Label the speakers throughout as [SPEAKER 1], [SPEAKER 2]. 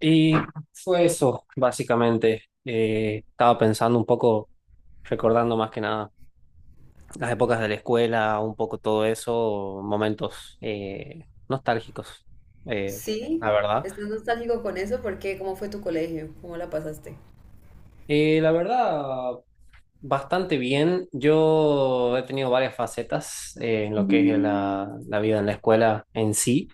[SPEAKER 1] Y fue eso, básicamente. Estaba pensando un poco, recordando más que nada las épocas de la escuela, un poco todo eso, momentos nostálgicos, eh, la
[SPEAKER 2] Sí,
[SPEAKER 1] verdad.
[SPEAKER 2] estás nostálgico con eso porque ¿cómo fue tu colegio? ¿Cómo la pasaste?
[SPEAKER 1] La verdad, bastante bien. Yo he tenido varias facetas en lo que es la vida en la escuela en sí.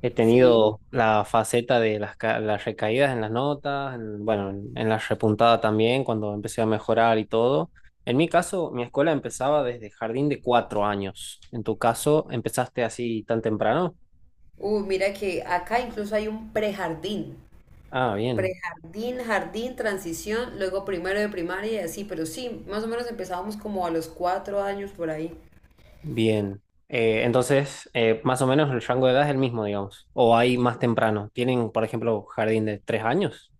[SPEAKER 1] He
[SPEAKER 2] Sí.
[SPEAKER 1] tenido la faceta de las recaídas en las notas, bueno, en la repuntada también, cuando empecé a mejorar y todo. En mi caso, mi escuela empezaba desde jardín de 4 años. En tu caso, ¿empezaste así tan temprano?
[SPEAKER 2] Mira que acá incluso hay un prejardín.
[SPEAKER 1] Ah, bien,
[SPEAKER 2] Prejardín, jardín, transición, luego primero de primaria y así, pero sí, más o menos empezábamos como a los 4 años por ahí.
[SPEAKER 1] bien. Entonces, más o menos el rango de edad es el mismo, digamos. O hay más temprano. ¿Tienen, por ejemplo, jardín de 3 años?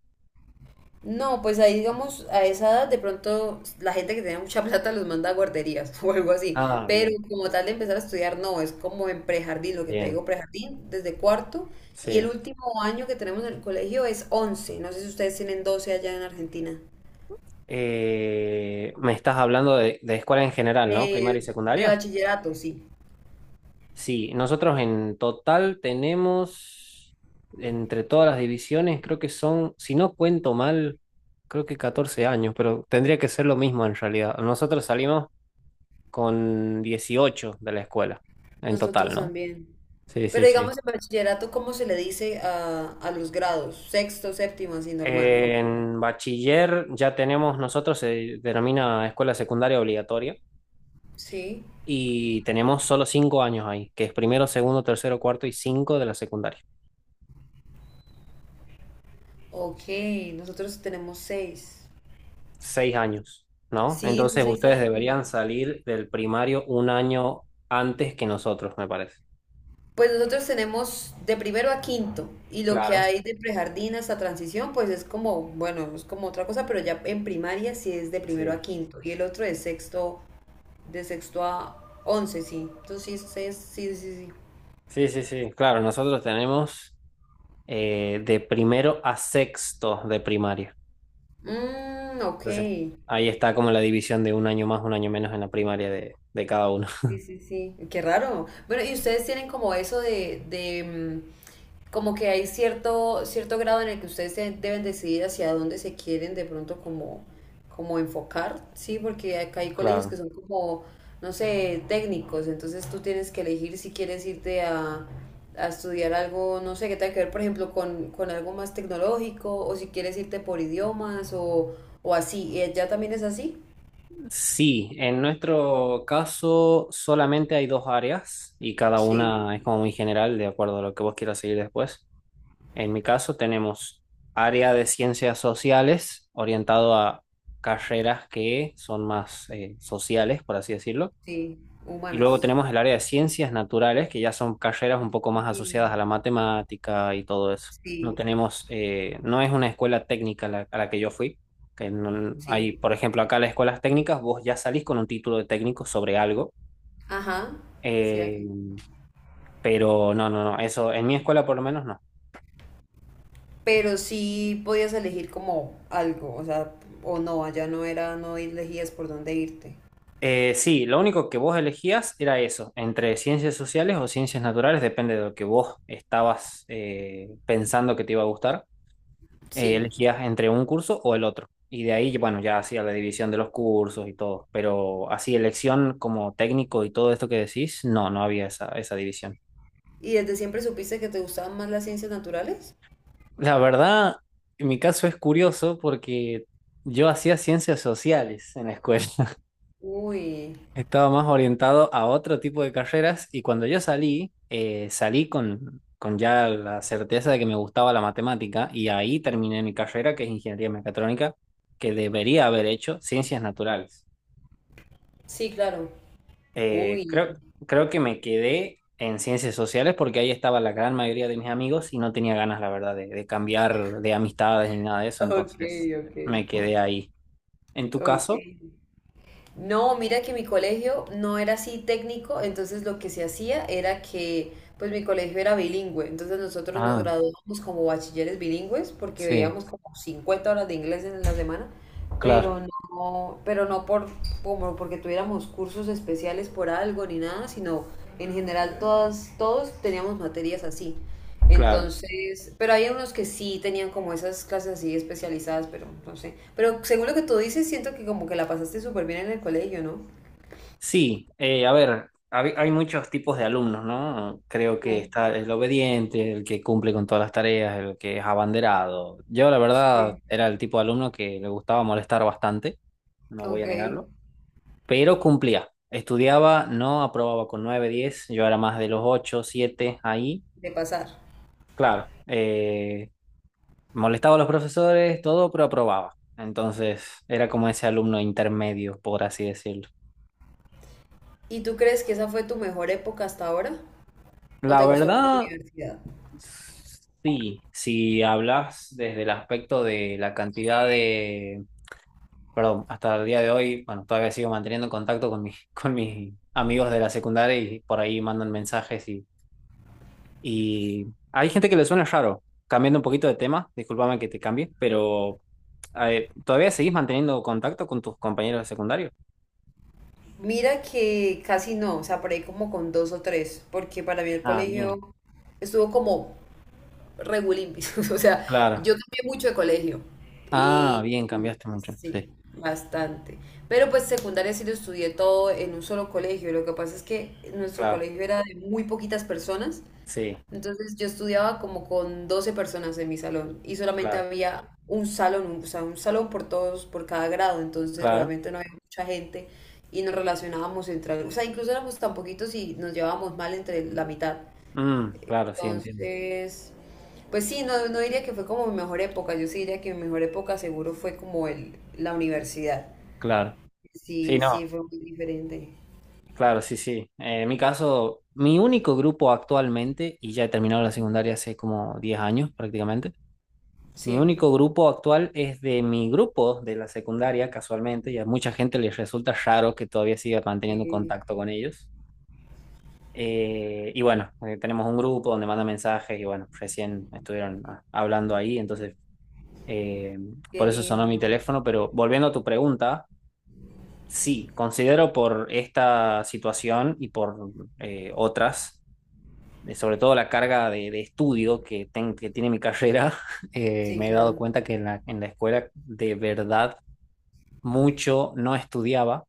[SPEAKER 2] No, pues ahí digamos, a esa edad de pronto la gente que tiene mucha plata los manda a guarderías o algo así,
[SPEAKER 1] Ah,
[SPEAKER 2] pero
[SPEAKER 1] bien,
[SPEAKER 2] como tal de empezar a estudiar no, es como en prejardín, lo que te digo,
[SPEAKER 1] bien,
[SPEAKER 2] prejardín desde cuarto y el
[SPEAKER 1] sí.
[SPEAKER 2] último año que tenemos en el colegio es 11. No sé si ustedes tienen 12 allá en Argentina,
[SPEAKER 1] Me estás hablando de escuela en general, ¿no? Primaria y
[SPEAKER 2] de
[SPEAKER 1] secundaria.
[SPEAKER 2] bachillerato, sí,
[SPEAKER 1] Sí, nosotros en total tenemos, entre todas las divisiones, creo que son, si no cuento mal, creo que 14 años, pero tendría que ser lo mismo en realidad. Nosotros salimos con 18 de la escuela, en total,
[SPEAKER 2] nosotros
[SPEAKER 1] ¿no?
[SPEAKER 2] también,
[SPEAKER 1] Sí, sí,
[SPEAKER 2] pero
[SPEAKER 1] sí.
[SPEAKER 2] digamos en bachillerato, ¿cómo se le dice a los grados? Sexto, séptimo, así normal, o ¿cómo?
[SPEAKER 1] En bachiller ya tenemos, nosotros se denomina escuela secundaria obligatoria
[SPEAKER 2] Sí,
[SPEAKER 1] y tenemos solo 5 años ahí, que es primero, segundo, tercero, cuarto y 5 de la secundaria.
[SPEAKER 2] ok, nosotros tenemos 6.
[SPEAKER 1] Seis años, ¿no?
[SPEAKER 2] Sí, son
[SPEAKER 1] Entonces
[SPEAKER 2] seis
[SPEAKER 1] ustedes
[SPEAKER 2] años.
[SPEAKER 1] deberían salir del primario un año antes que nosotros, me parece.
[SPEAKER 2] Pues nosotros tenemos de primero a quinto y lo que
[SPEAKER 1] Claro.
[SPEAKER 2] hay de prejardín hasta transición, pues es como, bueno, es como otra cosa, pero ya en primaria sí es de primero
[SPEAKER 1] Sí.
[SPEAKER 2] a quinto y el otro de sexto a once, sí. Entonces sí, sí, sí, sí. Sí.
[SPEAKER 1] Sí, sí, sí. Claro, nosotros tenemos de primero a sexto de primaria.
[SPEAKER 2] Mm, ok.
[SPEAKER 1] Entonces, ahí está como la división de un año más, un año menos en la primaria de cada uno.
[SPEAKER 2] Sí, sí, sí. Qué raro. Bueno, ¿y ustedes tienen como eso mm, como que hay cierto grado en el que ustedes deben decidir hacia dónde se quieren de pronto como enfocar, ¿sí? Porque acá hay colegios que
[SPEAKER 1] Claro.
[SPEAKER 2] son como, no sé, técnicos, entonces tú tienes que elegir si quieres irte a estudiar algo, no sé, que tenga que ver, por ejemplo, con algo más tecnológico, o si quieres irte por idiomas, o así. ¿Y allá también es así?
[SPEAKER 1] Sí, en nuestro caso solamente hay dos áreas y cada
[SPEAKER 2] Sí,
[SPEAKER 1] una es como muy general, de acuerdo a lo que vos quieras seguir después. En mi caso tenemos área de ciencias sociales orientado a carreras que son más sociales, por así decirlo.
[SPEAKER 2] sí,
[SPEAKER 1] Y luego
[SPEAKER 2] humanas.
[SPEAKER 1] tenemos el área de ciencias naturales, que ya son carreras un poco más asociadas a
[SPEAKER 2] Sí,
[SPEAKER 1] la matemática y todo eso. No
[SPEAKER 2] sí,
[SPEAKER 1] tenemos, no es una escuela técnica a la que yo fui. Que no-
[SPEAKER 2] sí.
[SPEAKER 1] Hay, por ejemplo, acá las escuelas técnicas, vos ya salís con un título de técnico sobre algo.
[SPEAKER 2] Ajá, sí, acá.
[SPEAKER 1] eh, pero no, no, no, eso en mi escuela por lo menos no.
[SPEAKER 2] Pero sí podías elegir como algo, o sea, o no, allá no era, no elegías por dónde irte.
[SPEAKER 1] Sí, lo único que vos elegías era eso, entre ciencias sociales o ciencias naturales, depende de lo que vos estabas pensando que te iba a gustar.
[SPEAKER 2] Sí.
[SPEAKER 1] Elegías entre un curso o el otro. Y de ahí, bueno, ya hacía la división de los cursos y todo. Pero así, elección como técnico y todo esto que decís, no, no había esa, esa división.
[SPEAKER 2] ¿Y desde siempre supiste que te gustaban más las ciencias naturales?
[SPEAKER 1] La verdad, en mi caso es curioso porque yo hacía ciencias sociales en la escuela.
[SPEAKER 2] Uy,
[SPEAKER 1] Estaba más orientado a otro tipo de carreras y cuando yo salí, salí con ya la certeza de que me gustaba la matemática y ahí terminé mi carrera, que es ingeniería mecatrónica, que debería haber hecho ciencias naturales.
[SPEAKER 2] sí, claro.
[SPEAKER 1] Eh,
[SPEAKER 2] Uy.
[SPEAKER 1] creo, creo que me quedé en ciencias sociales porque ahí estaba la gran mayoría de mis amigos y no tenía ganas, la verdad, de cambiar de amistades ni nada de eso,
[SPEAKER 2] Ok,
[SPEAKER 1] entonces me quedé
[SPEAKER 2] ok,
[SPEAKER 1] ahí. ¿En tu
[SPEAKER 2] ok.
[SPEAKER 1] caso?
[SPEAKER 2] No, mira que mi colegio no era así técnico, entonces lo que se hacía era que, pues mi colegio era bilingüe, entonces nosotros nos
[SPEAKER 1] Ah,
[SPEAKER 2] graduábamos como bachilleres bilingües porque
[SPEAKER 1] sí,
[SPEAKER 2] veíamos como 50 horas de inglés en la semana,
[SPEAKER 1] claro.
[SPEAKER 2] pero no, por, como porque tuviéramos cursos especiales por algo ni nada, sino en general todos teníamos materias así.
[SPEAKER 1] Claro.
[SPEAKER 2] Entonces, pero hay unos que sí tenían como esas clases así especializadas, pero no sé. Pero según lo que tú dices, siento que como que la pasaste súper bien en el colegio, ¿no?
[SPEAKER 1] Sí, a ver, hay muchos tipos de alumnos, ¿no? Creo que
[SPEAKER 2] Mm,
[SPEAKER 1] está el obediente, el que cumple con todas las tareas, el que es abanderado. Yo, la verdad,
[SPEAKER 2] sí.
[SPEAKER 1] era el tipo de alumno que le gustaba molestar bastante, no voy
[SPEAKER 2] Ok,
[SPEAKER 1] a
[SPEAKER 2] de
[SPEAKER 1] negarlo, pero cumplía. Estudiaba, no aprobaba con 9, 10. Yo era más de los 8, 7, ahí.
[SPEAKER 2] pasar.
[SPEAKER 1] Claro, molestaba a los profesores, todo, pero aprobaba. Entonces, era como ese alumno intermedio, por así decirlo.
[SPEAKER 2] ¿Y tú crees que esa fue tu mejor época hasta ahora? ¿O
[SPEAKER 1] La
[SPEAKER 2] te gustó más la
[SPEAKER 1] verdad.
[SPEAKER 2] universidad?
[SPEAKER 1] Sí, si hablas desde el aspecto de la cantidad de, perdón, hasta el día de hoy, bueno, todavía sigo manteniendo contacto con mis, con mis amigos de la secundaria y por ahí mandan mensajes y hay gente que le suena raro. Cambiando un poquito de tema, discúlpame que te cambie, pero ¿todavía seguís manteniendo contacto con tus compañeros de secundario?
[SPEAKER 2] Mira que casi no, o sea, por ahí como con dos o tres, porque para mí el
[SPEAKER 1] Ah, bien,
[SPEAKER 2] colegio estuvo como regulimpis. O sea,
[SPEAKER 1] claro.
[SPEAKER 2] yo cambié mucho de colegio.
[SPEAKER 1] Ah,
[SPEAKER 2] Y,
[SPEAKER 1] bien, cambiaste
[SPEAKER 2] y
[SPEAKER 1] mucho.
[SPEAKER 2] sí,
[SPEAKER 1] Sí,
[SPEAKER 2] bastante. Pero pues secundaria sí lo estudié todo en un solo colegio. Lo que pasa es que nuestro
[SPEAKER 1] claro,
[SPEAKER 2] colegio era de muy poquitas personas.
[SPEAKER 1] sí,
[SPEAKER 2] Entonces yo estudiaba como con 12 personas en mi salón y solamente
[SPEAKER 1] claro,
[SPEAKER 2] había un salón, o sea, un salón por todos, por cada grado. Entonces
[SPEAKER 1] claro.
[SPEAKER 2] realmente no había mucha gente y nos relacionábamos entre, o sea, incluso éramos tan poquitos y nos llevábamos mal entre la mitad.
[SPEAKER 1] Mm, claro, sí, entiendo.
[SPEAKER 2] Entonces, pues sí, no, no diría que fue como mi mejor época, yo sí diría que mi mejor época seguro fue como la universidad.
[SPEAKER 1] Claro. Sí,
[SPEAKER 2] Sí, sí,
[SPEAKER 1] no.
[SPEAKER 2] fue muy diferente.
[SPEAKER 1] Claro, sí, sí. En mi caso, mi único grupo actualmente, y ya he terminado la secundaria hace como 10 años prácticamente, mi
[SPEAKER 2] Sí,
[SPEAKER 1] único grupo actual es de mi grupo de la secundaria, casualmente, y a mucha gente les resulta raro que todavía siga manteniendo
[SPEAKER 2] sí,
[SPEAKER 1] contacto con ellos. Y bueno, tenemos un grupo donde mandan mensajes y bueno, recién estuvieron ah, hablando ahí, entonces eh,
[SPEAKER 2] qué
[SPEAKER 1] por eso sonó mi
[SPEAKER 2] lindo.
[SPEAKER 1] teléfono, pero volviendo a tu pregunta, sí, considero por esta situación y por otras. De sobre todo la carga de estudio que, que tiene mi carrera,
[SPEAKER 2] Sí,
[SPEAKER 1] me he dado
[SPEAKER 2] claro.
[SPEAKER 1] cuenta que en en la escuela de verdad mucho no estudiaba,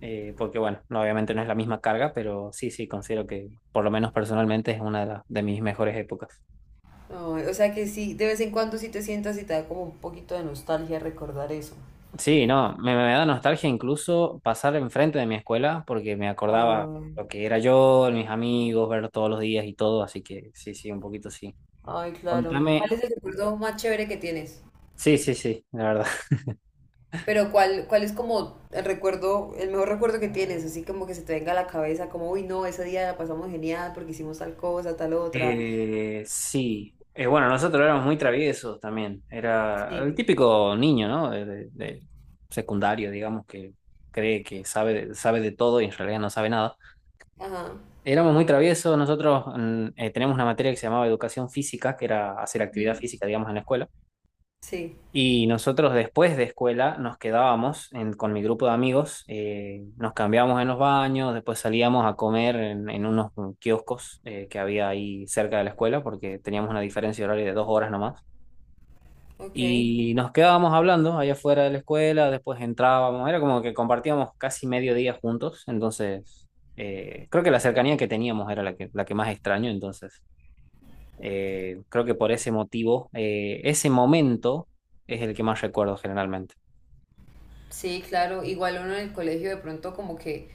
[SPEAKER 1] porque bueno, obviamente no es la misma carga, pero sí, sí, considero que por lo menos personalmente es una de, de mis mejores épocas.
[SPEAKER 2] Ay, o sea que sí, de vez en cuando sí te sientas y te da como un poquito de nostalgia recordar eso.
[SPEAKER 1] Sí, no, me da nostalgia incluso pasar enfrente de mi escuela porque me acordaba
[SPEAKER 2] Ay,
[SPEAKER 1] lo que era yo, mis amigos, verlos todos los días y todo, así que sí, sí, un poquito sí.
[SPEAKER 2] ay, claro.
[SPEAKER 1] Contame,
[SPEAKER 2] ¿Cuál es el recuerdo más chévere que tienes?
[SPEAKER 1] sí, sí, sí, la verdad.
[SPEAKER 2] Pero ¿cuál es como el recuerdo, el mejor recuerdo que tienes? Así como que se te venga a la cabeza, como, uy, no, ese día la pasamos genial porque hicimos tal cosa, tal otra.
[SPEAKER 1] Sí. Bueno, nosotros éramos muy traviesos también. Era el
[SPEAKER 2] Sí.
[SPEAKER 1] típico niño, ¿no? De secundario, digamos, que cree que sabe, sabe de todo y en realidad no sabe nada.
[SPEAKER 2] Ajá.
[SPEAKER 1] Éramos muy traviesos. Nosotros teníamos una materia que se llamaba educación física, que era hacer actividad
[SPEAKER 2] Ujú.
[SPEAKER 1] física, digamos, en la escuela.
[SPEAKER 2] Sí,
[SPEAKER 1] Y nosotros después de escuela nos quedábamos con mi grupo de amigos, nos cambiábamos en los baños, después salíamos a comer en unos kioscos que había ahí cerca de la escuela, porque teníamos una diferencia horaria de 2 horas nomás.
[SPEAKER 2] ok.
[SPEAKER 1] Y nos quedábamos hablando allá afuera de la escuela, después entrábamos, era como que compartíamos casi medio día juntos, entonces creo que la cercanía que teníamos era la que más extraño, entonces creo que por ese motivo, ese momento es el que más recuerdo generalmente.
[SPEAKER 2] Sí, claro, igual uno en el colegio de pronto como que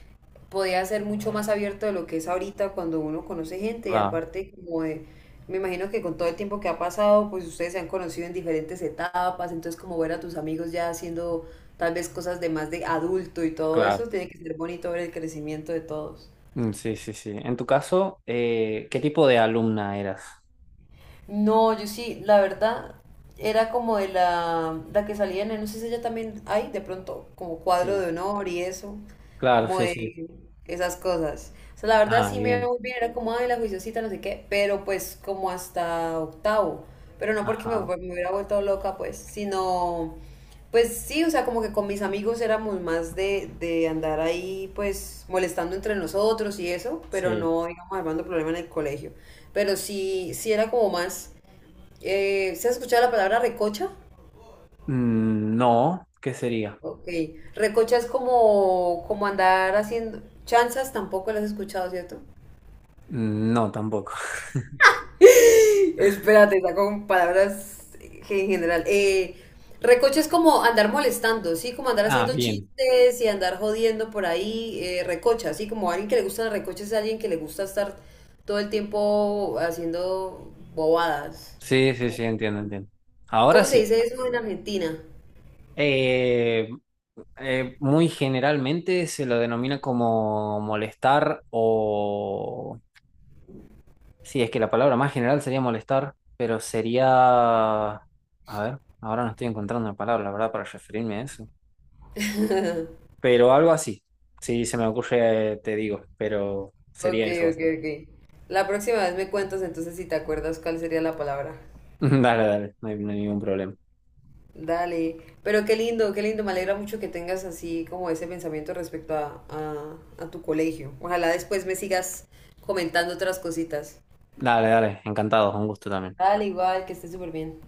[SPEAKER 2] podía ser mucho más abierto de lo que es ahorita cuando uno conoce gente y
[SPEAKER 1] Claro,
[SPEAKER 2] aparte como de, me imagino que con todo el tiempo que ha pasado, pues ustedes se han conocido en diferentes etapas, entonces como ver a tus amigos ya haciendo tal vez cosas de más de adulto y todo
[SPEAKER 1] claro.
[SPEAKER 2] eso, tiene que ser bonito ver el crecimiento de todos.
[SPEAKER 1] Mm, sí, sí, sí. En tu caso, ¿qué tipo de alumna eras?
[SPEAKER 2] No, yo sí, la verdad, era como de la que salía en, no sé si ella también hay, de pronto, como cuadro de
[SPEAKER 1] Sí,
[SPEAKER 2] honor y eso,
[SPEAKER 1] claro,
[SPEAKER 2] como
[SPEAKER 1] sí,
[SPEAKER 2] de
[SPEAKER 1] sí.
[SPEAKER 2] esas cosas. O sea, la verdad
[SPEAKER 1] Ah,
[SPEAKER 2] sí me iba
[SPEAKER 1] bien.
[SPEAKER 2] muy bien, era como, ay, la juiciosita, no sé qué, pero pues como hasta octavo, pero no porque
[SPEAKER 1] Ajá,
[SPEAKER 2] me hubiera vuelto loca, pues, sino, pues sí, o sea, como que con mis amigos éramos más de andar ahí, pues, molestando entre nosotros y eso, pero
[SPEAKER 1] sí.
[SPEAKER 2] no, digamos, armando problema en el colegio pero sí era como más. ¿Se ha escuchado la palabra recocha?
[SPEAKER 1] Mm, no, ¿qué sería?
[SPEAKER 2] Ok. Recocha es como andar haciendo. Chanzas tampoco las has escuchado, ¿cierto?
[SPEAKER 1] Mm, no, tampoco.
[SPEAKER 2] Espérate, está con palabras en general. Recocha es como andar molestando, ¿sí? Como andar
[SPEAKER 1] Ah,
[SPEAKER 2] haciendo
[SPEAKER 1] bien.
[SPEAKER 2] chistes y andar jodiendo por ahí. Recocha, ¿sí? Como alguien que le gusta la recocha es alguien que le gusta estar todo el tiempo haciendo bobadas.
[SPEAKER 1] Sí, sí,
[SPEAKER 2] ¿Cómo,
[SPEAKER 1] sí, entiendo, entiendo. Ahora
[SPEAKER 2] cómo se
[SPEAKER 1] sí.
[SPEAKER 2] dice eso en Argentina?
[SPEAKER 1] Eh, Muy generalmente se lo denomina como molestar o sí, es que la palabra más general sería molestar, pero sería... A ver, ahora no estoy encontrando una palabra, la verdad, para referirme a eso. Pero algo así. Si se me ocurre, te digo, pero
[SPEAKER 2] Ok,
[SPEAKER 1] sería eso
[SPEAKER 2] ok,
[SPEAKER 1] básicamente.
[SPEAKER 2] ok. La próxima vez me cuentas entonces si te acuerdas cuál sería la palabra.
[SPEAKER 1] Dale, dale, no hay, no hay ningún problema.
[SPEAKER 2] Dale. Pero qué lindo, qué lindo. Me alegra mucho que tengas así como ese pensamiento respecto a, tu colegio. Ojalá después me sigas comentando otras cositas.
[SPEAKER 1] Dale, dale, encantado, un gusto también.
[SPEAKER 2] Dale, igual, que estés súper bien.